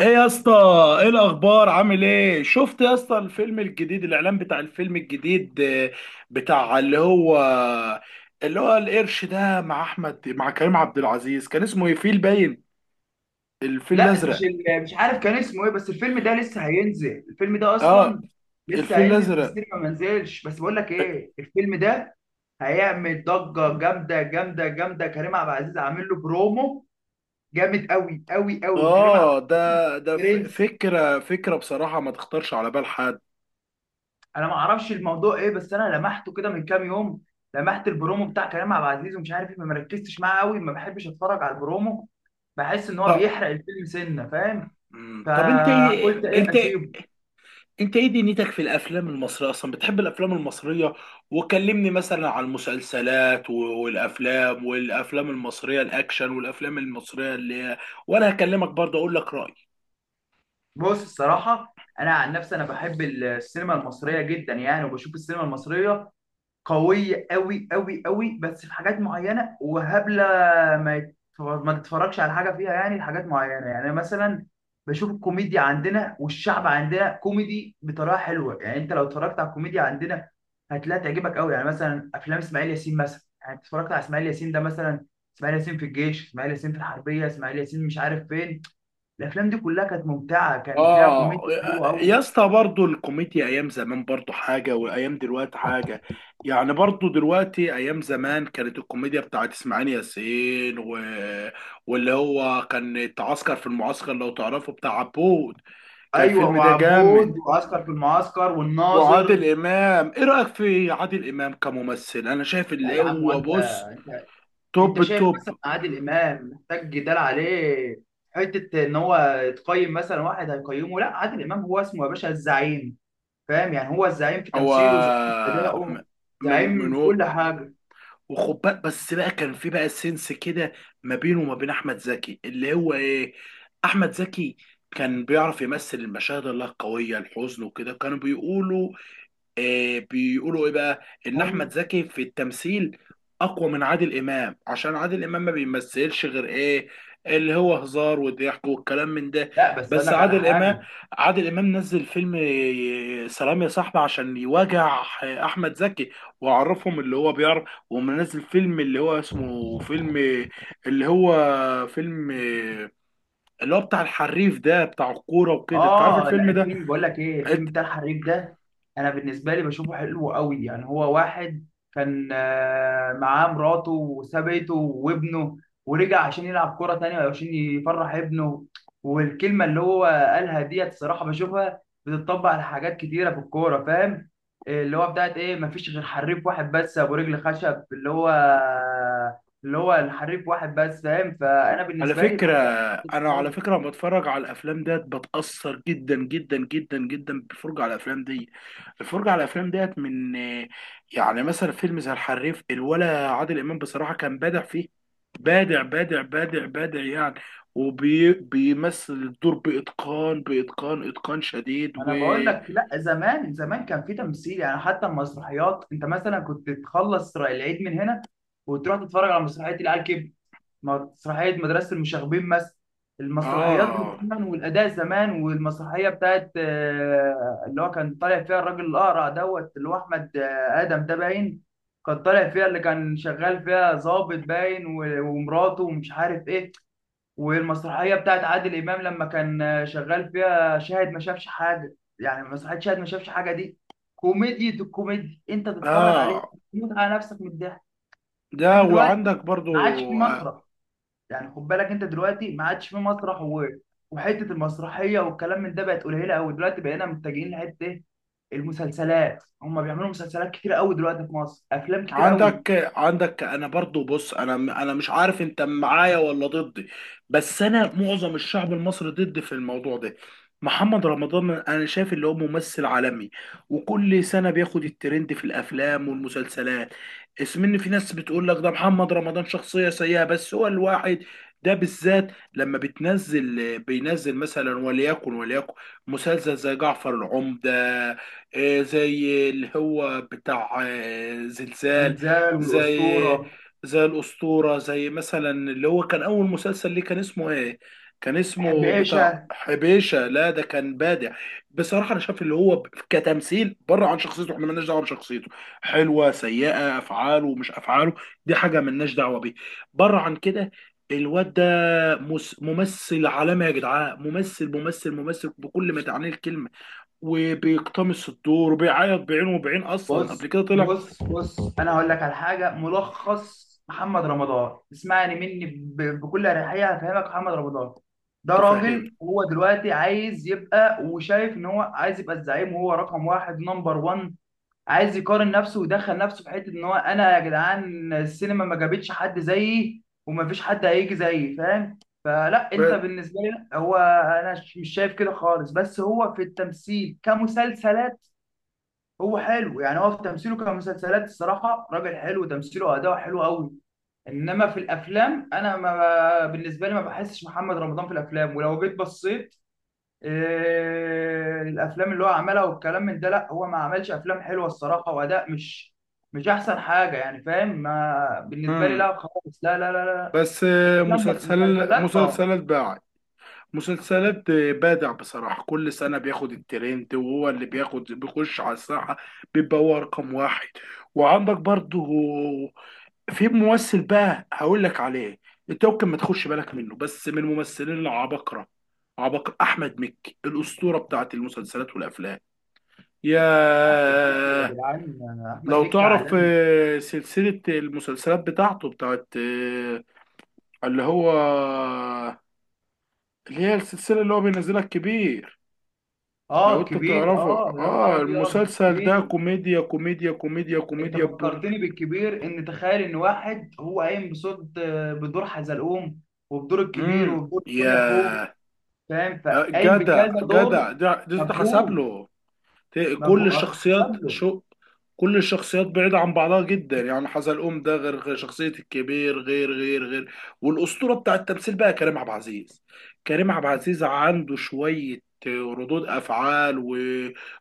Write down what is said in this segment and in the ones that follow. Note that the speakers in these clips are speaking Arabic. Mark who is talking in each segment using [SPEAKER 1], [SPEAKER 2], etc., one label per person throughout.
[SPEAKER 1] ايه يا اسطى؟ ايه الاخبار؟ عامل ايه؟ شفت يا اسطى الفيلم الجديد، الاعلان بتاع الفيلم الجديد، بتاع اللي هو القرش ده، مع كريم عبد العزيز. كان اسمه ايه؟ فيل باين؟ الفيل
[SPEAKER 2] لا،
[SPEAKER 1] الازرق؟
[SPEAKER 2] مش عارف كان اسمه ايه، بس الفيلم ده لسه هينزل، الفيلم ده
[SPEAKER 1] اه،
[SPEAKER 2] اصلا لسه
[SPEAKER 1] الفيل
[SPEAKER 2] هينزل في
[SPEAKER 1] الازرق.
[SPEAKER 2] السينما ما نزلش، بس بقول لك ايه، الفيلم ده هيعمل ضجه جامده جامده جامده. كريم عبد العزيز عامل له برومو جامد قوي قوي قوي، وكريم عبد
[SPEAKER 1] اه، ده
[SPEAKER 2] العزيز
[SPEAKER 1] ده ف-
[SPEAKER 2] برنس.
[SPEAKER 1] فكره فكره بصراحه ما تخطرش على بال حد.
[SPEAKER 2] انا ما اعرفش الموضوع ايه، بس انا لمحته كده من كام يوم، لمحت البرومو بتاع كريم عبد العزيز ومش عارف ايه، ما مركزتش معاه قوي، ما بحبش اتفرج على البرومو، بحس ان هو
[SPEAKER 1] طب،
[SPEAKER 2] بيحرق الفيلم سنه، فاهم؟
[SPEAKER 1] طب انت ايه؟
[SPEAKER 2] فقلت ايه
[SPEAKER 1] انت
[SPEAKER 2] اسيبه.
[SPEAKER 1] انت ايه دنيتك في الافلام المصريه؟ اصلا بتحب الافلام المصريه؟ وكلمني مثلا عن المسلسلات والافلام المصريه الاكشن، والافلام المصريه اللي هي. وانا هكلمك برضه اقول لك رايي.
[SPEAKER 2] بص، الصراحة أنا عن نفسي أنا بحب السينما المصرية جدا يعني، وبشوف السينما المصرية قوية أوي أوي أوي، بس في حاجات معينة وهبلة ما تتفرجش على حاجة فيها يعني، لحاجات معينة. يعني مثلا بشوف الكوميديا عندنا، والشعب عندنا كوميدي بطريقة حلوة يعني، أنت لو اتفرجت على الكوميديا عندنا هتلاقيها تعجبك أوي. يعني مثلا أفلام إسماعيل ياسين مثلا، يعني أنت اتفرجت على إسماعيل ياسين ده مثلا، إسماعيل ياسين في الجيش، إسماعيل ياسين في الحربية، إسماعيل ياسين مش عارف فين. الافلام دي كلها كانت ممتعه، كان فيها
[SPEAKER 1] اه
[SPEAKER 2] كوميديا حلوه قوي.
[SPEAKER 1] يا اسطى، برضه الكوميديا ايام زمان برضه حاجه، وايام دلوقتي حاجه. يعني برضه دلوقتي، ايام زمان كانت الكوميديا بتاعت اسماعيل ياسين واللي هو كان اتعسكر في المعسكر، لو تعرفه، بتاع عبود. كان
[SPEAKER 2] ايوه،
[SPEAKER 1] الفيلم ده
[SPEAKER 2] وعبود،
[SPEAKER 1] جامد.
[SPEAKER 2] وعسكر في المعسكر،
[SPEAKER 1] وعادل
[SPEAKER 2] والناظر.
[SPEAKER 1] امام، ايه رايك في عادل امام كممثل؟ انا شايف
[SPEAKER 2] لا
[SPEAKER 1] اللي
[SPEAKER 2] يا عم،
[SPEAKER 1] هو،
[SPEAKER 2] وانت
[SPEAKER 1] بص، توب
[SPEAKER 2] انت شايف
[SPEAKER 1] التوب.
[SPEAKER 2] مثلا عادل امام محتاج جدال عليه؟ حته ان هو يتقيم؟ مثلا واحد هيقيمه؟ لا، عادل امام هو اسمه يا باشا الزعيم، فاهم؟ يعني هو الزعيم في
[SPEAKER 1] هو
[SPEAKER 2] تمثيله، زعيم في
[SPEAKER 1] م-
[SPEAKER 2] ادائه،
[SPEAKER 1] من
[SPEAKER 2] زعيم في
[SPEAKER 1] هو؟
[SPEAKER 2] كل حاجه.
[SPEAKER 1] وخد بالك بس بقى، كان في بقى سنس كده ما بينه وما بين احمد زكي، اللي هو ايه، احمد زكي كان بيعرف يمثل المشاهد الله القويه، الحزن وكده. كانوا بيقولوا، بيقولوا ايه بقى، ان احمد
[SPEAKER 2] هم.
[SPEAKER 1] زكي في التمثيل اقوى من عادل امام، عشان عادل امام ما بيمثلش غير ايه، اللي هو هزار وضحك والكلام من ده.
[SPEAKER 2] لا، بس اقول
[SPEAKER 1] بس
[SPEAKER 2] لك على
[SPEAKER 1] عادل امام
[SPEAKER 2] حاجه.
[SPEAKER 1] عادل امام نزل فيلم سلام يا صاحبي، عشان يواجع احمد زكي، وعرفهم اللي هو بيعرف. ومنزل فيلم اللي هو اسمه فيلم اللي هو فيلم آه، اللي هو بتاع الحريف ده، بتاع الكوره وكده، انت عارف
[SPEAKER 2] اه، لا،
[SPEAKER 1] الفيلم ده.
[SPEAKER 2] الفيلم، بقول لك ايه، الفيلم بتاع الحريق ده، انا بالنسبه لي بشوفه حلو قوي، يعني هو واحد كان معاه مراته وسابته وابنه، ورجع عشان يلعب كوره تانية وعشان يفرح ابنه، والكلمه اللي هو قالها ديت الصراحه بشوفها بتطبق على حاجات كتيره في الكوره، فاهم؟ إيه اللي هو بتاعت ايه، مفيش غير حريف واحد بس، ابو رجل خشب اللي هو الحريف واحد بس، فاهم؟ فانا
[SPEAKER 1] على
[SPEAKER 2] بالنسبه لي
[SPEAKER 1] فكرة
[SPEAKER 2] بحب
[SPEAKER 1] على
[SPEAKER 2] أفلام.
[SPEAKER 1] فكرة، لما بتفرج على الأفلام ديت بتأثر جدا جدا جدا جدا بالفرجة على الأفلام دي. الفرجة على الأفلام ديت من آه، يعني مثلا فيلم زي الحريف الولا، عادل إمام بصراحة كان بادع فيه. بادع بادع بادع بادع يعني، وبيمثل الدور بإتقان بإتقان إتقان شديد و.
[SPEAKER 2] انا بقول لك، لا زمان، زمان كان في تمثيل يعني، حتى المسرحيات، انت مثلا كنت تخلص العيد من هنا وتروح تتفرج على مسرحيه العيال كبر، مسرحيه مدرسه المشاغبين مثلا. المسرحيات دي
[SPEAKER 1] آه،
[SPEAKER 2] زمان، والاداء زمان، والمسرحيه بتاعت اللي هو كان طالع فيها الراجل الاقرع دوت اللي هو احمد ادم ده باين، كان طالع فيها، اللي كان شغال فيها ضابط باين ومراته ومش عارف ايه، والمسرحيه بتاعت عادل امام لما كان شغال فيها شاهد ما شافش حاجه، يعني مسرحيه شاهد ما شافش حاجه دي كوميديا، الكوميديا انت تتفرج عليه
[SPEAKER 1] آه،
[SPEAKER 2] تموت على نفسك من الضحك.
[SPEAKER 1] ده.
[SPEAKER 2] انت
[SPEAKER 1] وعندك
[SPEAKER 2] دلوقتي
[SPEAKER 1] برضو،
[SPEAKER 2] ما عادش في
[SPEAKER 1] آه،
[SPEAKER 2] مسرح، يعني خد بالك، انت دلوقتي ما عادش في مسرح وحته المسرحيه والكلام من ده بقت قليله قوي دلوقتي، بقينا متجهين لحته ايه، المسلسلات، هم بيعملوا مسلسلات كتير قوي دلوقتي في مصر، افلام كتير قوي.
[SPEAKER 1] عندك. انا برضو، بص، انا مش عارف انت معايا ولا ضدي؟ بس انا معظم الشعب المصري ضد في الموضوع ده. محمد رمضان، انا شايف اللي هو ممثل عالمي، وكل سنة بياخد الترند في الافلام والمسلسلات. اسم ان في ناس بتقول لك ده محمد رمضان شخصية سيئة، بس هو الواحد ده بالذات، لما بتنزل، بينزل مثلا، وليكن وليكن مسلسل زي جعفر العمدة، زي اللي هو بتاع زلزال،
[SPEAKER 2] زلزال
[SPEAKER 1] زي
[SPEAKER 2] والاسطوره.
[SPEAKER 1] زي الأسطورة، زي مثلا اللي هو كان أول مسلسل ليه، كان اسمه إيه؟ كان اسمه بتاع
[SPEAKER 2] حبيشه.
[SPEAKER 1] حبيشة، لا ده كان بادع. بصراحة أنا شايف اللي هو كتمثيل بره عن شخصيته، إحنا مالناش دعوة بشخصيته، حلوة، سيئة، أفعاله مش أفعاله، دي حاجة مالناش دعوة بيه، بره عن كده. الواد ده ممثل عالمي يا جدعان، ممثل ممثل ممثل بكل ما تعنيه الكلمة، وبيقتمص الدور وبيعيط بعينه وبعين، اصلا قبل
[SPEAKER 2] بص
[SPEAKER 1] كده طلع.
[SPEAKER 2] بص بص، انا هقول لك على حاجه ملخص محمد رمضان، اسمعني مني بكل اريحيه هفهمك محمد رمضان ده
[SPEAKER 1] تفهمني؟
[SPEAKER 2] راجل، هو دلوقتي عايز يبقى وشايف ان هو عايز يبقى الزعيم، وهو رقم واحد نمبر 1، عايز يقارن نفسه ويدخل نفسه في حته ان هو انا يا جدعان السينما ما جابتش حد زيي ومفيش حد هيجي زيي، فاهم؟ فلا، انت
[SPEAKER 1] بس
[SPEAKER 2] بالنسبه لي لا، هو انا مش شايف كده خالص، بس هو في التمثيل كمسلسلات هو حلو يعني، هو في تمثيله كمسلسلات الصراحه راجل حلو، تمثيله واداؤه حلو قوي، انما في الافلام انا، ما بالنسبه لي ما بحسش محمد رمضان في الافلام، ولو جيت بصيت الافلام اللي هو عملها والكلام من ده، لا، هو ما عملش افلام حلوه الصراحه، واداء مش احسن حاجه يعني، فاهم؟ ما بالنسبه لي
[SPEAKER 1] امم
[SPEAKER 2] لا خالص، لا لا لا لا.
[SPEAKER 1] بس
[SPEAKER 2] افلام لا.
[SPEAKER 1] مسلسل،
[SPEAKER 2] مسلسلات اه.
[SPEAKER 1] مسلسلات باع، مسلسلات بادع بصراحة. كل سنة بياخد الترند، وهو اللي بياخد، بيخش على الساحة، بيبقى هو رقم واحد. وعندك برضه في ممثل بقى هقول لك عليه، انت ممكن ما تخش بالك منه، بس من الممثلين العباقرة، عباقرة أحمد مكي، الأسطورة بتاعت المسلسلات والأفلام.
[SPEAKER 2] احمد مكي يا
[SPEAKER 1] ياه.
[SPEAKER 2] جدعان،
[SPEAKER 1] لو
[SPEAKER 2] احمد مكي
[SPEAKER 1] تعرف،
[SPEAKER 2] عالمي.
[SPEAKER 1] سلسلة المسلسلات بتاعته، بتاعت، اللي هو اللي هي السلسلة اللي هو بينزلها الكبير. لو
[SPEAKER 2] اه
[SPEAKER 1] انت
[SPEAKER 2] كبير،
[SPEAKER 1] تعرفه،
[SPEAKER 2] اه يا
[SPEAKER 1] اه،
[SPEAKER 2] نهار ابيض
[SPEAKER 1] المسلسل ده
[SPEAKER 2] كبير.
[SPEAKER 1] كوميديا كوميديا كوميديا
[SPEAKER 2] انت
[SPEAKER 1] كوميديا
[SPEAKER 2] فكرتني بالكبير، ان تخيل ان واحد هو قايم بصوت، بدور حزلقوم، وبدور الكبير،
[SPEAKER 1] مم.
[SPEAKER 2] وبدور
[SPEAKER 1] يا
[SPEAKER 2] دنيا اخوه، فاهم؟
[SPEAKER 1] آه،
[SPEAKER 2] فقايم بكذا
[SPEAKER 1] جدع
[SPEAKER 2] دور.
[SPEAKER 1] جدع ده، تحسب
[SPEAKER 2] مجهود،
[SPEAKER 1] له. كل
[SPEAKER 2] مجهود حسب
[SPEAKER 1] الشخصيات
[SPEAKER 2] له.
[SPEAKER 1] شو، كل الشخصيات بعيدة عن بعضها جدا يعني. حزلقوم ده غير غير شخصية الكبير، غير غير غير. والأسطورة بتاع التمثيل بقى كريم عبد العزيز، كريم عبد العزيز عنده شوية ردود أفعال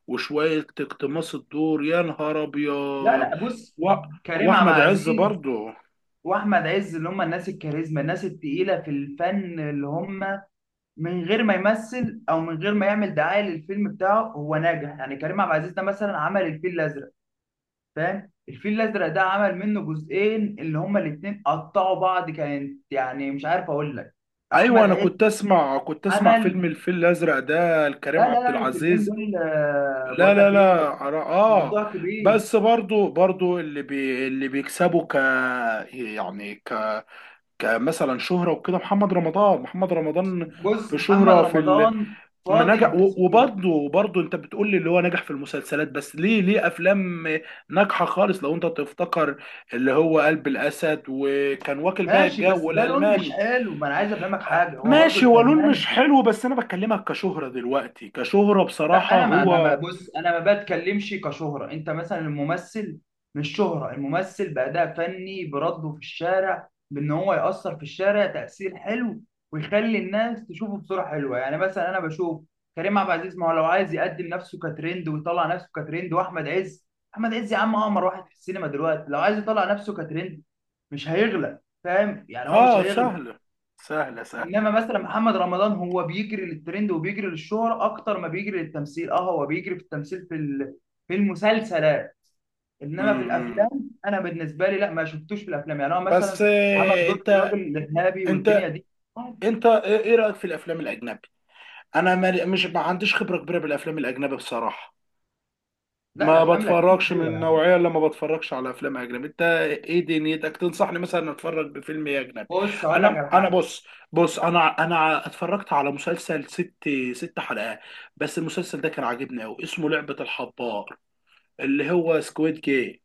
[SPEAKER 1] وشوية اقتماص الدور، يا نهار
[SPEAKER 2] لا
[SPEAKER 1] أبيض
[SPEAKER 2] لا، بص،
[SPEAKER 1] و...
[SPEAKER 2] كريم عبد
[SPEAKER 1] وأحمد عز
[SPEAKER 2] العزيز
[SPEAKER 1] برضه.
[SPEAKER 2] واحمد عز اللي هم الناس الكاريزما، الناس التقيله في الفن، اللي هم من غير ما يمثل او من غير ما يعمل دعايه للفيلم بتاعه هو ناجح، يعني كريم عبد العزيز ده مثلا عمل الفيل الازرق، فاهم؟ الفيل الازرق ده عمل منه جزئين، اللي هما الاتنين قطعوا بعض، كانت يعني مش عارف اقول لك.
[SPEAKER 1] أيوة،
[SPEAKER 2] احمد
[SPEAKER 1] أنا
[SPEAKER 2] عز
[SPEAKER 1] كنت أسمع، فيلم
[SPEAKER 2] عمل.
[SPEAKER 1] الفيل الأزرق ده لكريم
[SPEAKER 2] لا لا
[SPEAKER 1] عبد
[SPEAKER 2] لا، الفيلمين
[SPEAKER 1] العزيز.
[SPEAKER 2] دول
[SPEAKER 1] لا
[SPEAKER 2] بقول
[SPEAKER 1] لا
[SPEAKER 2] لك ايه،
[SPEAKER 1] لا، اه.
[SPEAKER 2] موضوع كبير.
[SPEAKER 1] بس برضو، اللي بيكسبوا، يعني، كمثلا شهرة وكده، محمد رمضان، محمد رمضان،
[SPEAKER 2] بص
[SPEAKER 1] في
[SPEAKER 2] محمد
[SPEAKER 1] شهرة
[SPEAKER 2] رمضان
[SPEAKER 1] ما
[SPEAKER 2] فاضي
[SPEAKER 1] نجح، و-
[SPEAKER 2] للتسويق،
[SPEAKER 1] وبرضه وبرضه انت بتقول لي اللي هو نجح في المسلسلات بس، ليه افلام ناجحة خالص، لو انت تفتكر، اللي هو قلب الاسد، وكان واكل بقى
[SPEAKER 2] ماشي،
[SPEAKER 1] الجو،
[SPEAKER 2] بس ده لون مش
[SPEAKER 1] والالماني.
[SPEAKER 2] حلو، ما انا عايز افهمك حاجه، هو برضو
[SPEAKER 1] ماشي ولول مش
[SPEAKER 2] الفنان.
[SPEAKER 1] حلو، بس انا بكلمك كشهرة دلوقتي، كشهرة
[SPEAKER 2] لا
[SPEAKER 1] بصراحة
[SPEAKER 2] انا
[SPEAKER 1] هو.
[SPEAKER 2] بص، انا ما بتكلمش كشهره، انت مثلا الممثل، مش شهره الممثل، باداء فني، برده في الشارع بان هو ياثر في الشارع تاثير حلو، ويخلي الناس تشوفه بصوره حلوه، يعني مثلا انا بشوف كريم عبد العزيز، ما هو لو عايز يقدم نفسه كترند ويطلع نفسه كترند، واحمد عز، احمد عز يا عم اقمر واحد في السينما دلوقتي، لو عايز يطلع نفسه كترند مش هيغلى، فاهم؟ يعني هو مش
[SPEAKER 1] اه،
[SPEAKER 2] هيغلى.
[SPEAKER 1] سهلة سهلة
[SPEAKER 2] انما
[SPEAKER 1] سهلة.
[SPEAKER 2] مثلا محمد رمضان، هو بيجري للترند وبيجري للشهرة اكتر ما بيجري للتمثيل، اه هو بيجري في التمثيل في المسلسلات، انما في
[SPEAKER 1] امم
[SPEAKER 2] الافلام انا بالنسبه لي لا، ما شفتوش في الافلام، يعني هو
[SPEAKER 1] بس
[SPEAKER 2] مثلا عمل دور الراجل الارهابي والدنيا
[SPEAKER 1] انت
[SPEAKER 2] دي، عادي.
[SPEAKER 1] انت إيه رأيك في الافلام الاجنبي؟ انا ما- مش ما عنديش خبرة كبيرة بالافلام الاجنبي بصراحة.
[SPEAKER 2] لا
[SPEAKER 1] ما
[SPEAKER 2] الافلام الاجنبيه
[SPEAKER 1] بتفرجش من
[SPEAKER 2] حلوه يعني،
[SPEAKER 1] النوعية، اللي ما بتفرجش على افلام اجنبي. انت ايه دنيتك؟ تنصحني مثلا اتفرج بفيلم إيه اجنبي؟
[SPEAKER 2] بص اقول لك
[SPEAKER 1] انا
[SPEAKER 2] على
[SPEAKER 1] انا
[SPEAKER 2] حاجه.
[SPEAKER 1] بص، انا اتفرجت على مسلسل ست حلقات. بس المسلسل ده كان عاجبني قوي، اسمه لعبة الحبار، اللي هو سكويد جيم.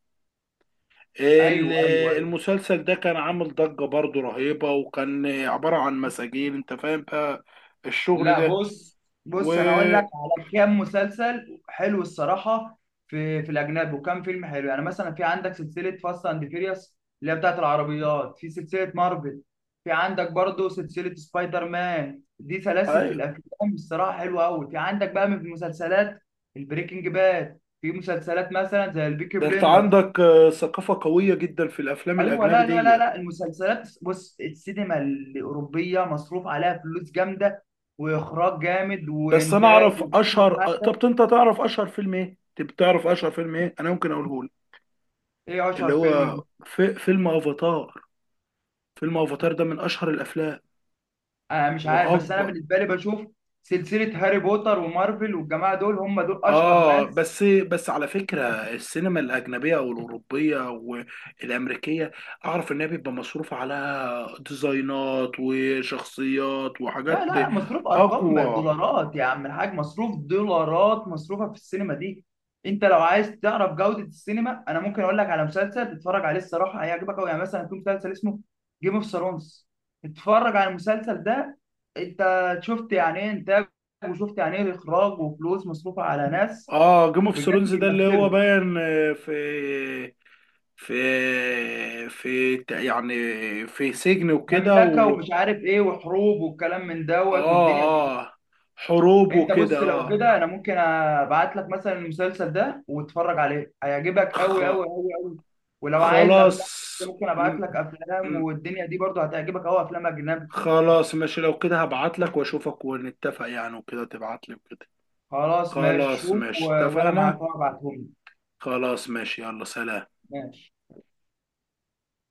[SPEAKER 1] ال-
[SPEAKER 2] ايوه ايوه، أيوه.
[SPEAKER 1] المسلسل ده كان عامل ضجة برضو رهيبة، وكان عبارة عن مساجين، انت فاهم بقى الشغل
[SPEAKER 2] لا
[SPEAKER 1] ده
[SPEAKER 2] بص
[SPEAKER 1] و.
[SPEAKER 2] بص، انا اقول لك على كام مسلسل حلو الصراحه في الاجنبي، وكام فيلم حلو، يعني مثلا في عندك سلسله فاست اند فيريوس اللي هي بتاعت العربيات، في سلسله مارفل، في عندك برضو سلسله سبايدر مان، دي سلاسل في
[SPEAKER 1] أيوة.
[SPEAKER 2] الافلام الصراحه حلوه قوي، في عندك بقى من المسلسلات البريكنج باد، في مسلسلات مثلا زي البيكي
[SPEAKER 1] ده انت
[SPEAKER 2] بليندرز.
[SPEAKER 1] عندك ثقافة قوية جدا في الافلام
[SPEAKER 2] ايوه
[SPEAKER 1] الاجنبي
[SPEAKER 2] لا لا
[SPEAKER 1] دي.
[SPEAKER 2] لا لا، المسلسلات، بص، السينما الاوروبيه مصروف عليها فلوس جامده، واخراج جامد،
[SPEAKER 1] بس انا
[SPEAKER 2] وانتاج،
[SPEAKER 1] اعرف
[SPEAKER 2] وكل
[SPEAKER 1] اشهر،
[SPEAKER 2] حاجه.
[SPEAKER 1] طب انت تعرف اشهر فيلم ايه؟ طب تعرف اشهر فيلم ايه؟ انا ممكن اقوله لك.
[SPEAKER 2] ايه
[SPEAKER 1] اللي
[SPEAKER 2] اشهر فيلم؟
[SPEAKER 1] هو فيلم افاتار. فيلم افاتار ده من اشهر الافلام،
[SPEAKER 2] انا مش عارف، بس انا
[SPEAKER 1] واكبر.
[SPEAKER 2] بالنسبه لي بشوف سلسله هاري بوتر ومارفل والجماعه دول، هم دول اشهر
[SPEAKER 1] اه،
[SPEAKER 2] ناس.
[SPEAKER 1] بس على فكره، السينما الاجنبيه او الاوروبيه والامريكيه، اعرف انها بيبقى مصروف عليها ديزاينات وشخصيات
[SPEAKER 2] لا
[SPEAKER 1] وحاجات
[SPEAKER 2] لا لا، مصروف ارقام
[SPEAKER 1] اقوى.
[SPEAKER 2] دولارات يا عم الحاج، مصروف دولارات مصروفه في السينما دي. انت لو عايز تعرف جوده السينما، انا ممكن اقول لك على مسلسل تتفرج عليه الصراحه هيعجبك قوي، يعني مثلا في مسلسل اسمه جيم اوف ثرونز، اتفرج على المسلسل ده، انت شفت يعني ايه انتاج، وشفت يعني ايه اخراج وفلوس مصروفه على ناس
[SPEAKER 1] اه، جيم اوف
[SPEAKER 2] بجد
[SPEAKER 1] ثرونز ده اللي هو
[SPEAKER 2] بيمثلوا،
[SPEAKER 1] باين، يعني في سجن وكده
[SPEAKER 2] مملكه
[SPEAKER 1] و.
[SPEAKER 2] ومش عارف ايه وحروب والكلام من دوت
[SPEAKER 1] اه،
[SPEAKER 2] والدنيا.
[SPEAKER 1] اه، حروب
[SPEAKER 2] انت
[SPEAKER 1] وكده
[SPEAKER 2] بص لو
[SPEAKER 1] اه.
[SPEAKER 2] كده انا ممكن ابعت لك مثلا المسلسل ده، واتفرج عليه هيعجبك
[SPEAKER 1] خ...
[SPEAKER 2] قوي قوي قوي قوي، ولو عايز افلام
[SPEAKER 1] خلاص.
[SPEAKER 2] ممكن ابعت لك افلام
[SPEAKER 1] م-
[SPEAKER 2] والدنيا دي برضه هتعجبك قوي، افلام اجنبي.
[SPEAKER 1] خلاص ماشي، لو كده هبعت لك واشوفك ونتفق يعني، وكده تبعت لي وكده.
[SPEAKER 2] خلاص ماشي
[SPEAKER 1] خلاص
[SPEAKER 2] شوف
[SPEAKER 1] ماشي،
[SPEAKER 2] وانا معاك
[SPEAKER 1] اتفقنا.
[SPEAKER 2] أهو، هبعتهم لك.
[SPEAKER 1] خلاص ماشي، يلا سلام.
[SPEAKER 2] ماشي